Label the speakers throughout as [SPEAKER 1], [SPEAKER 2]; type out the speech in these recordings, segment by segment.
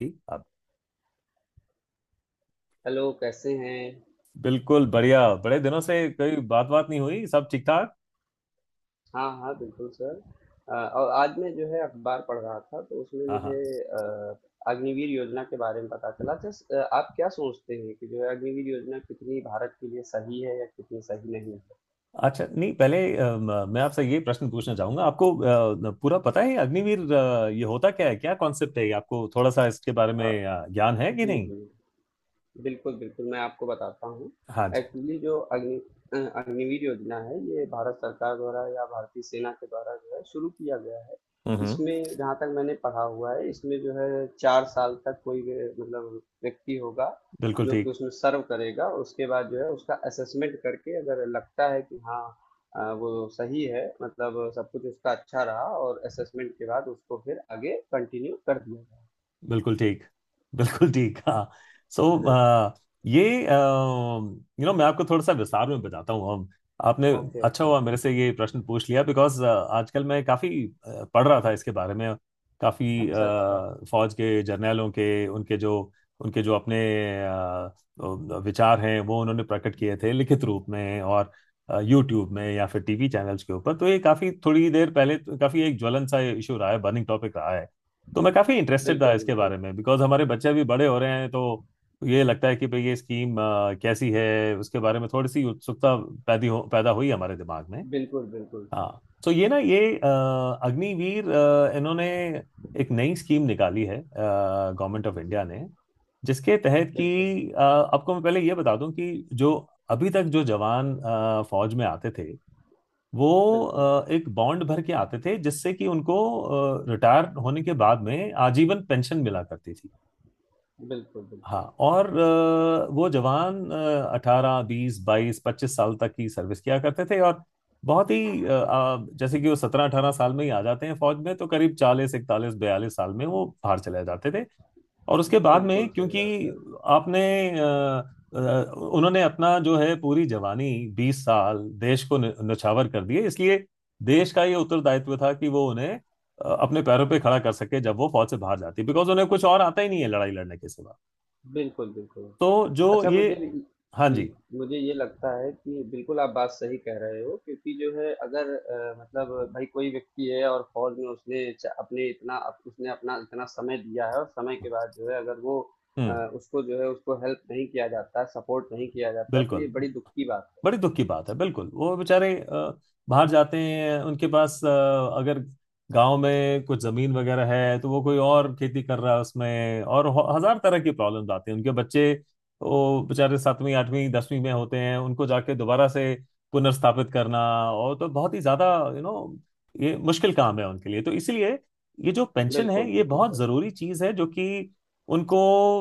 [SPEAKER 1] ठीक। आप?
[SPEAKER 2] हेलो कैसे हैं।
[SPEAKER 1] बिल्कुल बढ़िया। बड़े दिनों से कोई बात बात नहीं हुई। सब ठीक ठाक।
[SPEAKER 2] हाँ हाँ, बिल्कुल सर। और आज मैं जो है अखबार पढ़ रहा था तो उसमें
[SPEAKER 1] हाँ
[SPEAKER 2] मुझे
[SPEAKER 1] हाँ।
[SPEAKER 2] अग्निवीर योजना के बारे में पता चला। जस्ट आप क्या सोचते हैं कि जो है अग्निवीर योजना कितनी भारत के लिए सही है या कितनी सही नहीं है।
[SPEAKER 1] अच्छा। नहीं, पहले मैं आपसे ये प्रश्न पूछना चाहूंगा आपको। पूरा पता है अग्निवीर, ये होता क्या है, क्या कॉन्सेप्ट है ये? आपको थोड़ा सा इसके बारे
[SPEAKER 2] हाँ
[SPEAKER 1] में ज्ञान है कि
[SPEAKER 2] जी
[SPEAKER 1] नहीं?
[SPEAKER 2] जी। बिल्कुल, बिल्कुल, मैं आपको बताता हूँ।
[SPEAKER 1] हाँ जी।
[SPEAKER 2] एक्चुअली जो अग्निवीर योजना है, ये भारत सरकार द्वारा या भारतीय सेना के द्वारा जो है शुरू किया गया है।
[SPEAKER 1] हम्म हम्म।
[SPEAKER 2] इसमें जहाँ तक मैंने पढ़ा हुआ है, इसमें जो है 4 साल तक कोई व्य मतलब व्यक्ति होगा,
[SPEAKER 1] बिल्कुल
[SPEAKER 2] जो कि
[SPEAKER 1] ठीक।
[SPEAKER 2] उसमें सर्व करेगा और उसके बाद जो है उसका असेसमेंट करके अगर लगता है कि हाँ वो सही है मतलब सब कुछ उसका अच्छा रहा और असेसमेंट के बाद उसको फिर आगे कंटिन्यू कर दिया
[SPEAKER 1] बिल्कुल ठीक। बिल्कुल ठीक। हाँ। सो
[SPEAKER 2] जाए।
[SPEAKER 1] ये, मैं आपको थोड़ा सा विस्तार में बताता हूँ। हम। आपने।
[SPEAKER 2] ओके,
[SPEAKER 1] अच्छा
[SPEAKER 2] ओके।
[SPEAKER 1] हुआ मेरे से ये प्रश्न पूछ लिया, बिकॉज आजकल मैं काफ़ी पढ़ रहा था इसके बारे में। काफ़ी
[SPEAKER 2] अच्छा, अच्छा।
[SPEAKER 1] फौज के जर्नैलों के, उनके जो अपने विचार हैं वो उन्होंने प्रकट किए थे लिखित रूप में, और यूट्यूब में या फिर टीवी चैनल्स के ऊपर। तो ये काफ़ी थोड़ी देर पहले काफ़ी एक ज्वलन सा इशू रहा है, बर्निंग टॉपिक रहा है। तो मैं काफी इंटरेस्टेड था
[SPEAKER 2] बिल्कुल,
[SPEAKER 1] इसके
[SPEAKER 2] बिल्कुल।
[SPEAKER 1] बारे में, बिकॉज हमारे बच्चे भी बड़े हो रहे हैं। तो ये लगता है कि भाई ये स्कीम कैसी है, उसके बारे में थोड़ी सी उत्सुकता पैदा हुई हमारे दिमाग में।
[SPEAKER 2] बिल्कुल, बिल्कुल सर।
[SPEAKER 1] हाँ, तो ये ना, ये अग्निवीर इन्होंने एक नई स्कीम निकाली है, गवर्नमेंट ऑफ
[SPEAKER 2] जी,
[SPEAKER 1] इंडिया ने।
[SPEAKER 2] जी।
[SPEAKER 1] जिसके तहत
[SPEAKER 2] बिल्कुल,
[SPEAKER 1] कि आपको मैं पहले ये बता दूं कि जो अभी तक जो जवान फौज में आते थे, वो
[SPEAKER 2] बिल्कुल,
[SPEAKER 1] एक बॉन्ड भर के आते थे, जिससे कि उनको रिटायर होने के बाद में आजीवन पेंशन मिला करती थी।
[SPEAKER 2] बिल्कुल,
[SPEAKER 1] हाँ।
[SPEAKER 2] बिल्कुल।
[SPEAKER 1] और वो जवान 18 20 22 25 साल तक की सर्विस किया करते थे। और बहुत ही जैसे कि वो 17 18 साल में ही आ जाते हैं फौज में, तो करीब 40 41 42 साल में वो बाहर चले जाते थे। और उसके बाद में
[SPEAKER 2] बिल्कुल सही
[SPEAKER 1] क्योंकि
[SPEAKER 2] बात सर।
[SPEAKER 1] आपने अ, अ, उन्होंने अपना जो है पूरी जवानी 20 साल देश को न्योछावर कर दिए, इसलिए देश का ये उत्तरदायित्व था कि वो उन्हें अपने पैरों पे खड़ा कर सके जब वो फौज से बाहर जाती, बिकॉज उन्हें कुछ और आता ही नहीं है लड़ाई लड़ने के सिवा।
[SPEAKER 2] बिल्कुल, बिल्कुल।
[SPEAKER 1] तो जो
[SPEAKER 2] अच्छा
[SPEAKER 1] ये।
[SPEAKER 2] मुझे भी
[SPEAKER 1] हाँ
[SPEAKER 2] जी,
[SPEAKER 1] जी।
[SPEAKER 2] मुझे ये लगता है कि बिल्कुल आप बात सही कह रहे हो, क्योंकि जो है अगर मतलब भाई कोई व्यक्ति है और फ़ौज में उसने च अपने इतना अप उसने अपना इतना समय दिया है और समय के बाद जो है अगर वो
[SPEAKER 1] हम्म।
[SPEAKER 2] उसको जो है उसको हेल्प नहीं किया जाता है, सपोर्ट नहीं किया जाता है, तो ये
[SPEAKER 1] बिल्कुल,
[SPEAKER 2] बड़ी दुःख की बात
[SPEAKER 1] बड़ी दुख की बात है, बिल्कुल। वो बेचारे बाहर जाते हैं, उनके पास अगर गांव में कुछ जमीन वगैरह है तो वो कोई और खेती कर रहा है उसमें, और हजार तरह की प्रॉब्लम्स आती हैं। उनके बच्चे वो बेचारे 7वीं 8वीं 10वीं में होते हैं, उनको जाके दोबारा से पुनर्स्थापित करना। और तो बहुत ही ज्यादा, ये मुश्किल काम है उनके लिए। तो इसीलिए ये जो
[SPEAKER 2] है।
[SPEAKER 1] पेंशन
[SPEAKER 2] बिल्कुल,
[SPEAKER 1] है, ये
[SPEAKER 2] बिल्कुल
[SPEAKER 1] बहुत
[SPEAKER 2] सर।
[SPEAKER 1] जरूरी चीज है जो कि उनको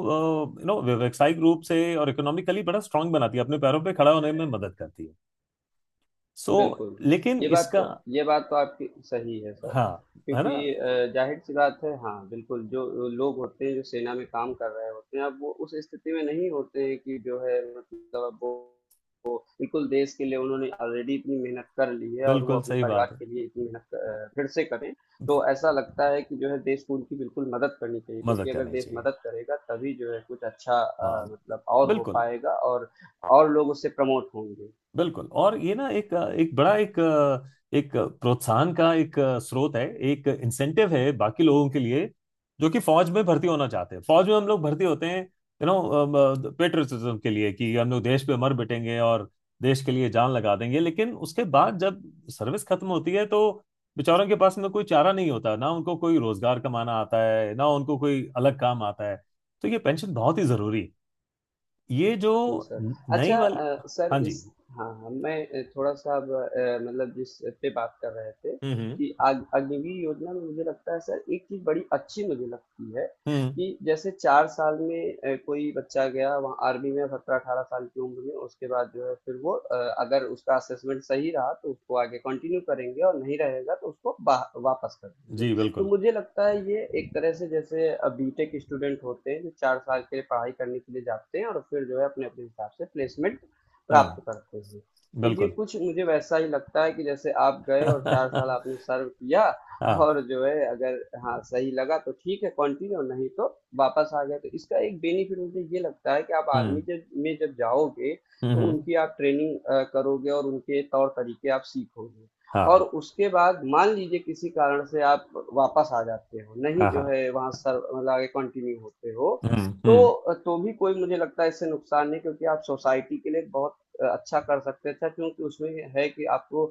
[SPEAKER 1] व्यावसायिक रूप से और इकोनॉमिकली बड़ा स्ट्रांग बनाती है, अपने पैरों पे खड़ा होने में मदद करती है। सो
[SPEAKER 2] बिल्कुल,
[SPEAKER 1] लेकिन
[SPEAKER 2] ये बात
[SPEAKER 1] इसका।
[SPEAKER 2] तो ये बात तो आपकी सही है सर,
[SPEAKER 1] हाँ। है ना।
[SPEAKER 2] क्योंकि ज़ाहिर-सी बात है हाँ, बिल्कुल जो लोग होते हैं जो सेना में काम कर रहे होते हैं, अब वो उस स्थिति में नहीं होते हैं कि जो है मतलब अब वो बिल्कुल देश के लिए उन्होंने ऑलरेडी इतनी मेहनत कर ली है और वो
[SPEAKER 1] बिल्कुल
[SPEAKER 2] अपने
[SPEAKER 1] सही बात
[SPEAKER 2] परिवार
[SPEAKER 1] है,
[SPEAKER 2] के लिए इतनी मेहनत फिर से करें, तो ऐसा लगता है कि जो है देश को उनकी बिल्कुल मदद करनी चाहिए,
[SPEAKER 1] मदद
[SPEAKER 2] क्योंकि अगर
[SPEAKER 1] करनी
[SPEAKER 2] देश
[SPEAKER 1] चाहिए।
[SPEAKER 2] मदद करेगा तभी जो है कुछ अच्छा
[SPEAKER 1] हाँ।
[SPEAKER 2] मतलब और हो
[SPEAKER 1] बिल्कुल।
[SPEAKER 2] पाएगा और लोग उससे प्रमोट होंगे।
[SPEAKER 1] बिल्कुल, और ये ना एक एक बड़ा एक एक प्रोत्साहन का एक स्रोत है, एक इंसेंटिव है बाकी लोगों के लिए जो कि फौज में भर्ती होना चाहते हैं। फौज में हम लोग भर्ती होते हैं पेट्रियटिज्म के लिए, कि हम लोग देश पे मर मिटेंगे और देश के लिए जान लगा देंगे। लेकिन उसके बाद जब सर्विस खत्म होती है तो बेचारों के पास में कोई चारा नहीं होता, ना उनको कोई रोजगार कमाना आता है, ना उनको कोई अलग काम आता है। तो ये पेंशन बहुत ही जरूरी है। ये जो
[SPEAKER 2] बिल्कुल सर।
[SPEAKER 1] नई
[SPEAKER 2] अच्छा
[SPEAKER 1] वाली।
[SPEAKER 2] सर
[SPEAKER 1] हाँ जी।
[SPEAKER 2] इस हाँ, हाँ, मैं थोड़ा-सा अब मतलब जिस पे बात कर रहे थे
[SPEAKER 1] हम्म
[SPEAKER 2] कि अग अग्नि योजना में मुझे लगता है सर एक चीज़ बड़ी अच्छी मुझे लगती है
[SPEAKER 1] हम्म।
[SPEAKER 2] कि जैसे 4 साल में कोई बच्चा गया वहाँ आर्मी में 17-18 साल की उम्र में, उसके बाद जो है फिर वो अगर उसका असेसमेंट सही रहा तो उसको आगे कंटिन्यू करेंगे और नहीं रहेगा तो उसको बाह वापस कर देंगे।
[SPEAKER 1] जी
[SPEAKER 2] तो
[SPEAKER 1] बिल्कुल।
[SPEAKER 2] मुझे लगता है ये एक तरह से जैसे बीटेक स्टूडेंट होते हैं जो 4 साल के लिए पढ़ाई करने के लिए जाते हैं और फिर जो है अपने अपने हिसाब से प्लेसमेंट प्राप्त
[SPEAKER 1] हम्म।
[SPEAKER 2] करते हैं। तो ये
[SPEAKER 1] बिल्कुल
[SPEAKER 2] कुछ मुझे वैसा ही लगता है कि जैसे आप गए और 4 साल
[SPEAKER 1] हाँ।
[SPEAKER 2] आपने सर्व किया और जो है अगर हाँ सही लगा तो ठीक है कंटिन्यू, नहीं तो वापस आ गए। तो इसका एक बेनिफिट मुझे ये लगता है कि आप
[SPEAKER 1] हम्म
[SPEAKER 2] आर्मी जब में जब जाओगे
[SPEAKER 1] हम्म।
[SPEAKER 2] तो उनकी आप ट्रेनिंग करोगे और उनके तौर तरीके आप सीखोगे और
[SPEAKER 1] हाँ
[SPEAKER 2] उसके बाद मान लीजिए किसी कारण से आप वापस आ जाते हो, नहीं
[SPEAKER 1] हाँ
[SPEAKER 2] जो
[SPEAKER 1] हाँ।
[SPEAKER 2] है वहाँ सर मतलब आगे कंटिन्यू होते हो,
[SPEAKER 1] हम्म।
[SPEAKER 2] तो भी कोई मुझे लगता है इससे नुकसान नहीं, क्योंकि आप सोसाइटी के लिए बहुत अच्छा कर सकते हैं, अच्छा क्योंकि उसमें है कि आपको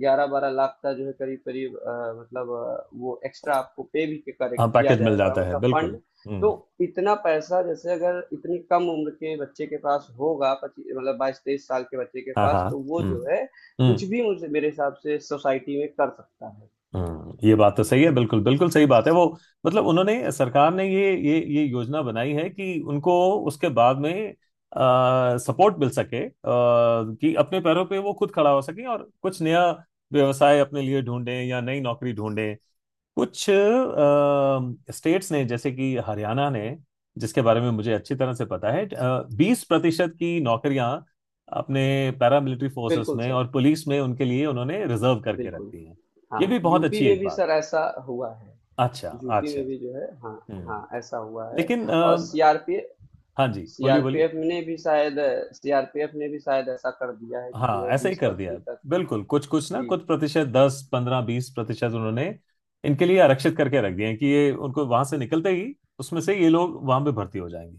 [SPEAKER 2] 11-12 लाख का जो है करीब करीब मतलब वो एक्स्ट्रा आपको पे भी
[SPEAKER 1] हाँ,
[SPEAKER 2] करेक्ट किया
[SPEAKER 1] पैकेज मिल
[SPEAKER 2] जाएगा
[SPEAKER 1] जाता है,
[SPEAKER 2] मतलब फंड।
[SPEAKER 1] बिल्कुल।
[SPEAKER 2] तो
[SPEAKER 1] हम्म।
[SPEAKER 2] इतना पैसा जैसे अगर इतनी कम उम्र के बच्चे के पास होगा पच्चीस मतलब 22-23 साल के बच्चे के
[SPEAKER 1] हाँ
[SPEAKER 2] पास,
[SPEAKER 1] हाँ।
[SPEAKER 2] तो वो
[SPEAKER 1] हम्म
[SPEAKER 2] जो है कुछ
[SPEAKER 1] हम्म।
[SPEAKER 2] भी मुझे मेरे हिसाब से सोसाइटी में कर सकता है।
[SPEAKER 1] हम्म। ये बात तो सही है, बिल्कुल बिल्कुल सही बात है। वो मतलब उन्होंने, सरकार ने ये योजना बनाई है कि उनको उसके बाद में सपोर्ट मिल सके, कि अपने पैरों पे वो खुद खड़ा हो सके और कुछ नया व्यवसाय अपने लिए ढूंढें या नई नौकरी ढूंढें। कुछ स्टेट्स ने, जैसे कि हरियाणा ने, जिसके बारे में मुझे अच्छी तरह से पता है, 20% की नौकरियां अपने पैरामिलिट्री फोर्सेस
[SPEAKER 2] बिल्कुल
[SPEAKER 1] में
[SPEAKER 2] सर।
[SPEAKER 1] और पुलिस में उनके लिए उन्होंने रिजर्व करके
[SPEAKER 2] बिल्कुल।
[SPEAKER 1] रखती हैं। ये भी
[SPEAKER 2] हाँ
[SPEAKER 1] बहुत
[SPEAKER 2] यूपी
[SPEAKER 1] अच्छी
[SPEAKER 2] में
[SPEAKER 1] एक
[SPEAKER 2] भी
[SPEAKER 1] बात।
[SPEAKER 2] सर ऐसा हुआ है।
[SPEAKER 1] अच्छा।
[SPEAKER 2] यूपी
[SPEAKER 1] अच्छा।
[SPEAKER 2] में भी जो है हाँ। हाँ
[SPEAKER 1] हम्म।
[SPEAKER 2] ऐसा हुआ है।
[SPEAKER 1] लेकिन
[SPEAKER 2] और सीआरपीएफ
[SPEAKER 1] हाँ जी, बोलिए बोलिए।
[SPEAKER 2] सीआरपीएफ ने भी शायद सीआरपीएफ ने भी शायद ऐसा कर दिया है कि जो
[SPEAKER 1] हाँ
[SPEAKER 2] है
[SPEAKER 1] ऐसा ही
[SPEAKER 2] बीस
[SPEAKER 1] कर दिया,
[SPEAKER 2] परसेंट तक।
[SPEAKER 1] बिल्कुल। कुछ कुछ ना
[SPEAKER 2] जी।
[SPEAKER 1] कुछ प्रतिशत, 10 15 20% उन्होंने इनके लिए आरक्षित करके रख दिए हैं कि ये उनको वहां से निकलते ही, उसमें से ये लोग वहां पे भर्ती हो जाएंगे।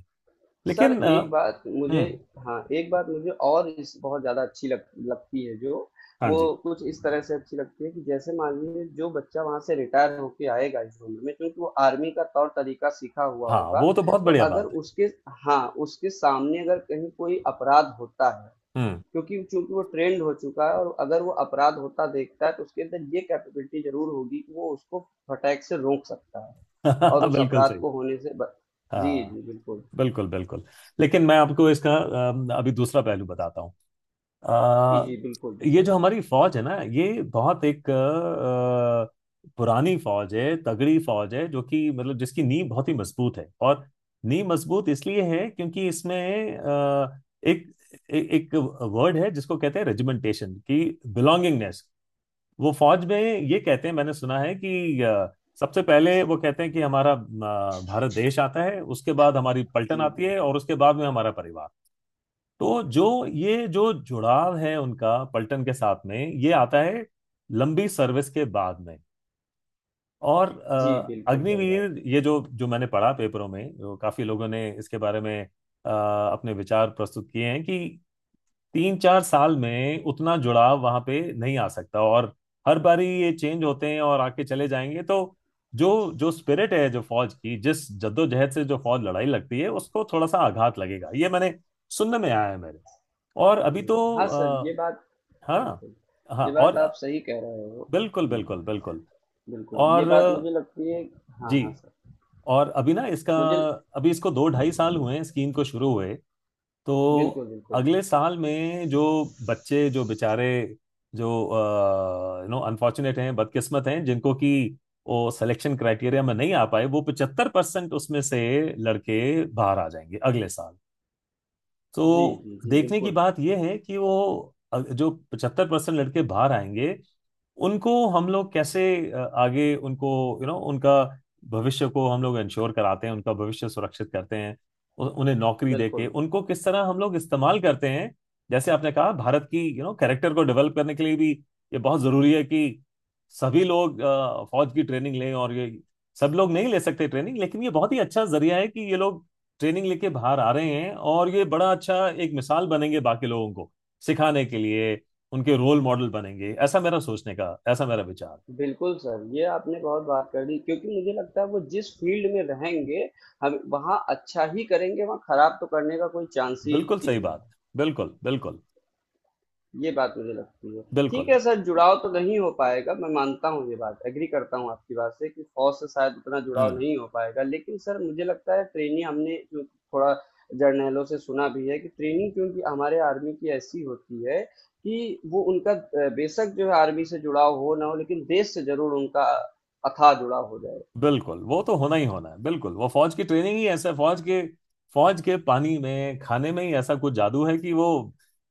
[SPEAKER 2] सर
[SPEAKER 1] लेकिन
[SPEAKER 2] एक बात मुझे
[SPEAKER 1] हम्म।
[SPEAKER 2] हाँ, एक बात मुझे और इस बहुत ज़्यादा अच्छी लग लगती है जो,
[SPEAKER 1] हाँ
[SPEAKER 2] वो
[SPEAKER 1] जी।
[SPEAKER 2] कुछ इस तरह से अच्छी लगती है कि जैसे मानिए जो बच्चा वहाँ से रिटायर होके आएगा इस उम्र में, क्योंकि वो आर्मी का तौर-तरीका सीखा हुआ
[SPEAKER 1] हाँ,
[SPEAKER 2] होगा,
[SPEAKER 1] वो तो बहुत
[SPEAKER 2] तो
[SPEAKER 1] बढ़िया
[SPEAKER 2] अगर
[SPEAKER 1] बात है।
[SPEAKER 2] उसके हाँ, उसके सामने अगर कहीं कोई अपराध होता है, क्योंकि चूँकि वो ट्रेंड हो चुका है और अगर वो अपराध होता देखता है तो उसके अंदर ये कैपेबिलिटी ज़रूर होगी कि वो उसको फटाक से रोक सकता है और उस
[SPEAKER 1] बिल्कुल
[SPEAKER 2] अपराध
[SPEAKER 1] सही।
[SPEAKER 2] को होने से ब। जी,
[SPEAKER 1] हाँ
[SPEAKER 2] जी, बिल्कुल।
[SPEAKER 1] बिल्कुल बिल्कुल। लेकिन मैं आपको इसका अभी दूसरा पहलू बताता हूँ।
[SPEAKER 2] जी,
[SPEAKER 1] अ,
[SPEAKER 2] जी, बिल्कुल,
[SPEAKER 1] ये
[SPEAKER 2] बिल्कुल।
[SPEAKER 1] जो हमारी फौज है ना, ये बहुत एक पुरानी फौज है, तगड़ी फौज है, जो कि मतलब जिसकी नींव बहुत ही मजबूत है। और नींव मजबूत इसलिए है क्योंकि इसमें एक एक वर्ड है जिसको कहते हैं रेजिमेंटेशन की बिलोंगिंगनेस। वो फौज में ये कहते हैं, मैंने सुना है कि सबसे पहले वो कहते हैं कि हमारा भारत देश आता है, उसके बाद हमारी पलटन
[SPEAKER 2] जी,
[SPEAKER 1] आती
[SPEAKER 2] जी।
[SPEAKER 1] है, और उसके बाद में हमारा परिवार। तो जो, ये जो जुड़ाव है उनका पलटन के साथ में, ये आता है लंबी सर्विस के बाद में। और
[SPEAKER 2] जी, बिल्कुल सही बात।
[SPEAKER 1] अग्निवीर, ये जो जो मैंने पढ़ा पेपरों में, जो काफी लोगों ने इसके बारे में अपने विचार प्रस्तुत किए हैं, कि 3 4 साल में उतना जुड़ाव वहां पे नहीं आ सकता, और हर बारी ये चेंज होते हैं और आके चले जाएंगे, तो जो, जो स्पिरिट है जो फौज की, जिस जद्दोजहद से जो फौज लड़ाई लगती है, उसको थोड़ा सा आघात लगेगा, ये मैंने सुनने में आया है मेरे। और अभी
[SPEAKER 2] हुँ,
[SPEAKER 1] तो
[SPEAKER 2] हाँ सर, ये
[SPEAKER 1] अ,
[SPEAKER 2] बात
[SPEAKER 1] हाँ
[SPEAKER 2] बिल्कुल,
[SPEAKER 1] हाँ।
[SPEAKER 2] ये
[SPEAKER 1] और
[SPEAKER 2] बात आप सही कह रहे हो।
[SPEAKER 1] बिल्कुल
[SPEAKER 2] हुँ,
[SPEAKER 1] बिल्कुल बिल्कुल।
[SPEAKER 2] बिल्कुल, ये
[SPEAKER 1] और
[SPEAKER 2] बात मुझे लगती है हाँ, हाँ
[SPEAKER 1] जी।
[SPEAKER 2] सर,
[SPEAKER 1] और अभी ना इसका,
[SPEAKER 2] मुझे
[SPEAKER 1] अभी इसको दो ढाई साल हुए हैं स्कीम को शुरू हुए। तो
[SPEAKER 2] बिल्कुल, बिल्कुल।
[SPEAKER 1] अगले साल में जो बच्चे, जो बेचारे, जो अनफॉर्चुनेट हैं, बदकिस्मत हैं, जिनको कि वो सिलेक्शन क्राइटेरिया में नहीं आ पाए, वो पचहत्तर परसेंट उसमें से लड़के बाहर आ जाएंगे अगले साल।
[SPEAKER 2] जी,
[SPEAKER 1] तो
[SPEAKER 2] जी, जी,
[SPEAKER 1] देखने की
[SPEAKER 2] बिल्कुल,
[SPEAKER 1] बात यह है कि वो जो 75% लड़के बाहर आएंगे, उनको हम लोग कैसे आगे उनको, उनका भविष्य को हम लोग इंश्योर कराते हैं, उनका भविष्य सुरक्षित करते हैं, उन्हें नौकरी देके
[SPEAKER 2] बिल्कुल।
[SPEAKER 1] उनको किस तरह हम लोग इस्तेमाल करते हैं। जैसे आपने कहा भारत की कैरेक्टर को डेवलप करने के लिए भी ये बहुत जरूरी है कि सभी लोग फौज की ट्रेनिंग लें। और ये सब लोग नहीं ले सकते ट्रेनिंग, लेकिन ये बहुत ही अच्छा जरिया है कि ये लोग ट्रेनिंग लेके बाहर आ रहे हैं, और ये बड़ा अच्छा एक मिसाल बनेंगे बाकी लोगों को सिखाने के लिए, उनके रोल मॉडल बनेंगे। ऐसा मेरा सोचने का, ऐसा मेरा विचार।
[SPEAKER 2] बिल्कुल सर, ये आपने बहुत बात कर दी, क्योंकि मुझे लगता है वो जिस फ़ील्ड में रहेंगे, हम वहाँ अच्छा ही करेंगे, वहाँ खराब तो करने का कोई चांस ही
[SPEAKER 1] बिल्कुल
[SPEAKER 2] नहीं
[SPEAKER 1] सही
[SPEAKER 2] है।
[SPEAKER 1] बात। बिल्कुल बिल्कुल
[SPEAKER 2] ये बात मुझे लगती है। ठीक
[SPEAKER 1] बिल्कुल।
[SPEAKER 2] है सर जुड़ाव तो नहीं हो पाएगा, मैं मानता हूँ ये बात एग्री करता हूँ आपकी बात से कि फौज से शायद उतना जुड़ाव
[SPEAKER 1] हम्म।
[SPEAKER 2] नहीं हो पाएगा, लेकिन सर मुझे लगता है ट्रेनिंग हमने जो थोड़ा जर्नैलों से सुना भी है कि ट्रेनिंग क्योंकि हमारे आर्मी की ऐसी होती है कि वो उनका बेशक जो है आर्मी से जुड़ाव हो ना हो, लेकिन देश से जरूर उनका अथाह जुड़ाव हो जाए।
[SPEAKER 1] बिल्कुल, वो तो होना ही होना है। बिल्कुल, वो फौज की ट्रेनिंग ही ऐसा है, फौज के पानी में खाने में ही ऐसा कुछ जादू है कि वो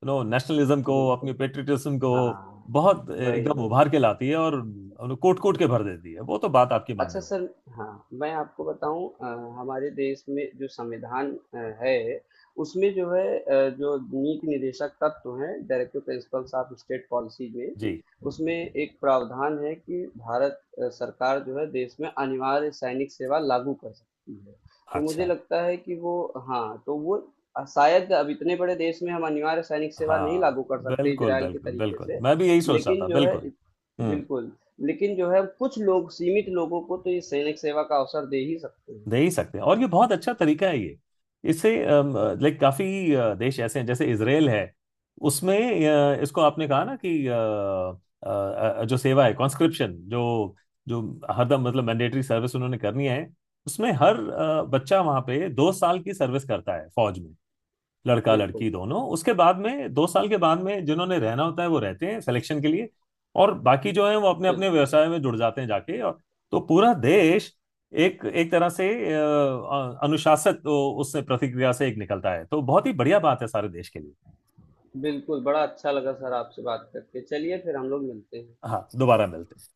[SPEAKER 1] नेशनलिज्म को, अपनी
[SPEAKER 2] बिल्कुल।
[SPEAKER 1] पेट्रियटिज्म को
[SPEAKER 2] हाँ।
[SPEAKER 1] बहुत
[SPEAKER 2] वही
[SPEAKER 1] एकदम
[SPEAKER 2] वही।
[SPEAKER 1] उभार के लाती है, और कोट कोट के
[SPEAKER 2] बिल्कुल।
[SPEAKER 1] भर देती है। वो तो बात आपकी
[SPEAKER 2] अच्छा
[SPEAKER 1] मानने वाली।
[SPEAKER 2] सर, हाँ मैं आपको बताऊं हमारे देश में जो संविधान है उसमें जो है जो नीति निदेशक तत्व तो हैं directive principles of state policy में,
[SPEAKER 1] जी।
[SPEAKER 2] उसमें एक प्रावधान है कि भारत सरकार जो है देश में अनिवार्य सैनिक सेवा लागू कर सकती है। तो मुझे
[SPEAKER 1] अच्छा।
[SPEAKER 2] लगता है कि वो हाँ तो वो शायद अब इतने बड़े देश में हम अनिवार्य सैनिक सेवा नहीं
[SPEAKER 1] हाँ
[SPEAKER 2] लागू कर सकते
[SPEAKER 1] बिल्कुल
[SPEAKER 2] इजराइल के
[SPEAKER 1] बिल्कुल
[SPEAKER 2] तरीके
[SPEAKER 1] बिल्कुल,
[SPEAKER 2] से,
[SPEAKER 1] मैं भी यही सोच रहा
[SPEAKER 2] लेकिन
[SPEAKER 1] था,
[SPEAKER 2] जो है
[SPEAKER 1] बिल्कुल। हम्म।
[SPEAKER 2] बिल्कुल लेकिन जो है कुछ लोग सीमित लोगों को तो ये सैनिक सेवा का अवसर दे ही सकते हैं।
[SPEAKER 1] दे ही सकते हैं, और ये बहुत अच्छा तरीका है ये। इससे, लाइक काफी देश ऐसे हैं, जैसे इसराइल है। उसमें इसको आपने कहा ना, कि जो सेवा है कॉन्स्क्रिप्शन, जो जो हरदम मतलब मैंडेटरी सर्विस उन्होंने करनी है। उसमें हर बच्चा वहां पे 2 साल की सर्विस करता है फौज में। लड़का
[SPEAKER 2] बिल्कुल
[SPEAKER 1] लड़की
[SPEAKER 2] सर।
[SPEAKER 1] दोनों। उसके बाद में 2 साल के बाद में जिन्होंने रहना होता है वो रहते हैं सिलेक्शन के लिए, और बाकी जो है वो अपने अपने
[SPEAKER 2] बिल्कुल।
[SPEAKER 1] व्यवसाय में जुड़ जाते हैं जाके। और तो पूरा देश एक एक तरह से अनुशासित उससे प्रतिक्रिया से एक निकलता है, तो बहुत ही बढ़िया बात है सारे देश के लिए।
[SPEAKER 2] बिल्कुल बड़ा अच्छा लगा सर आपसे बात करके, चलिए फिर हम लोग मिलते हैं।
[SPEAKER 1] हाँ दोबारा मिलते हैं।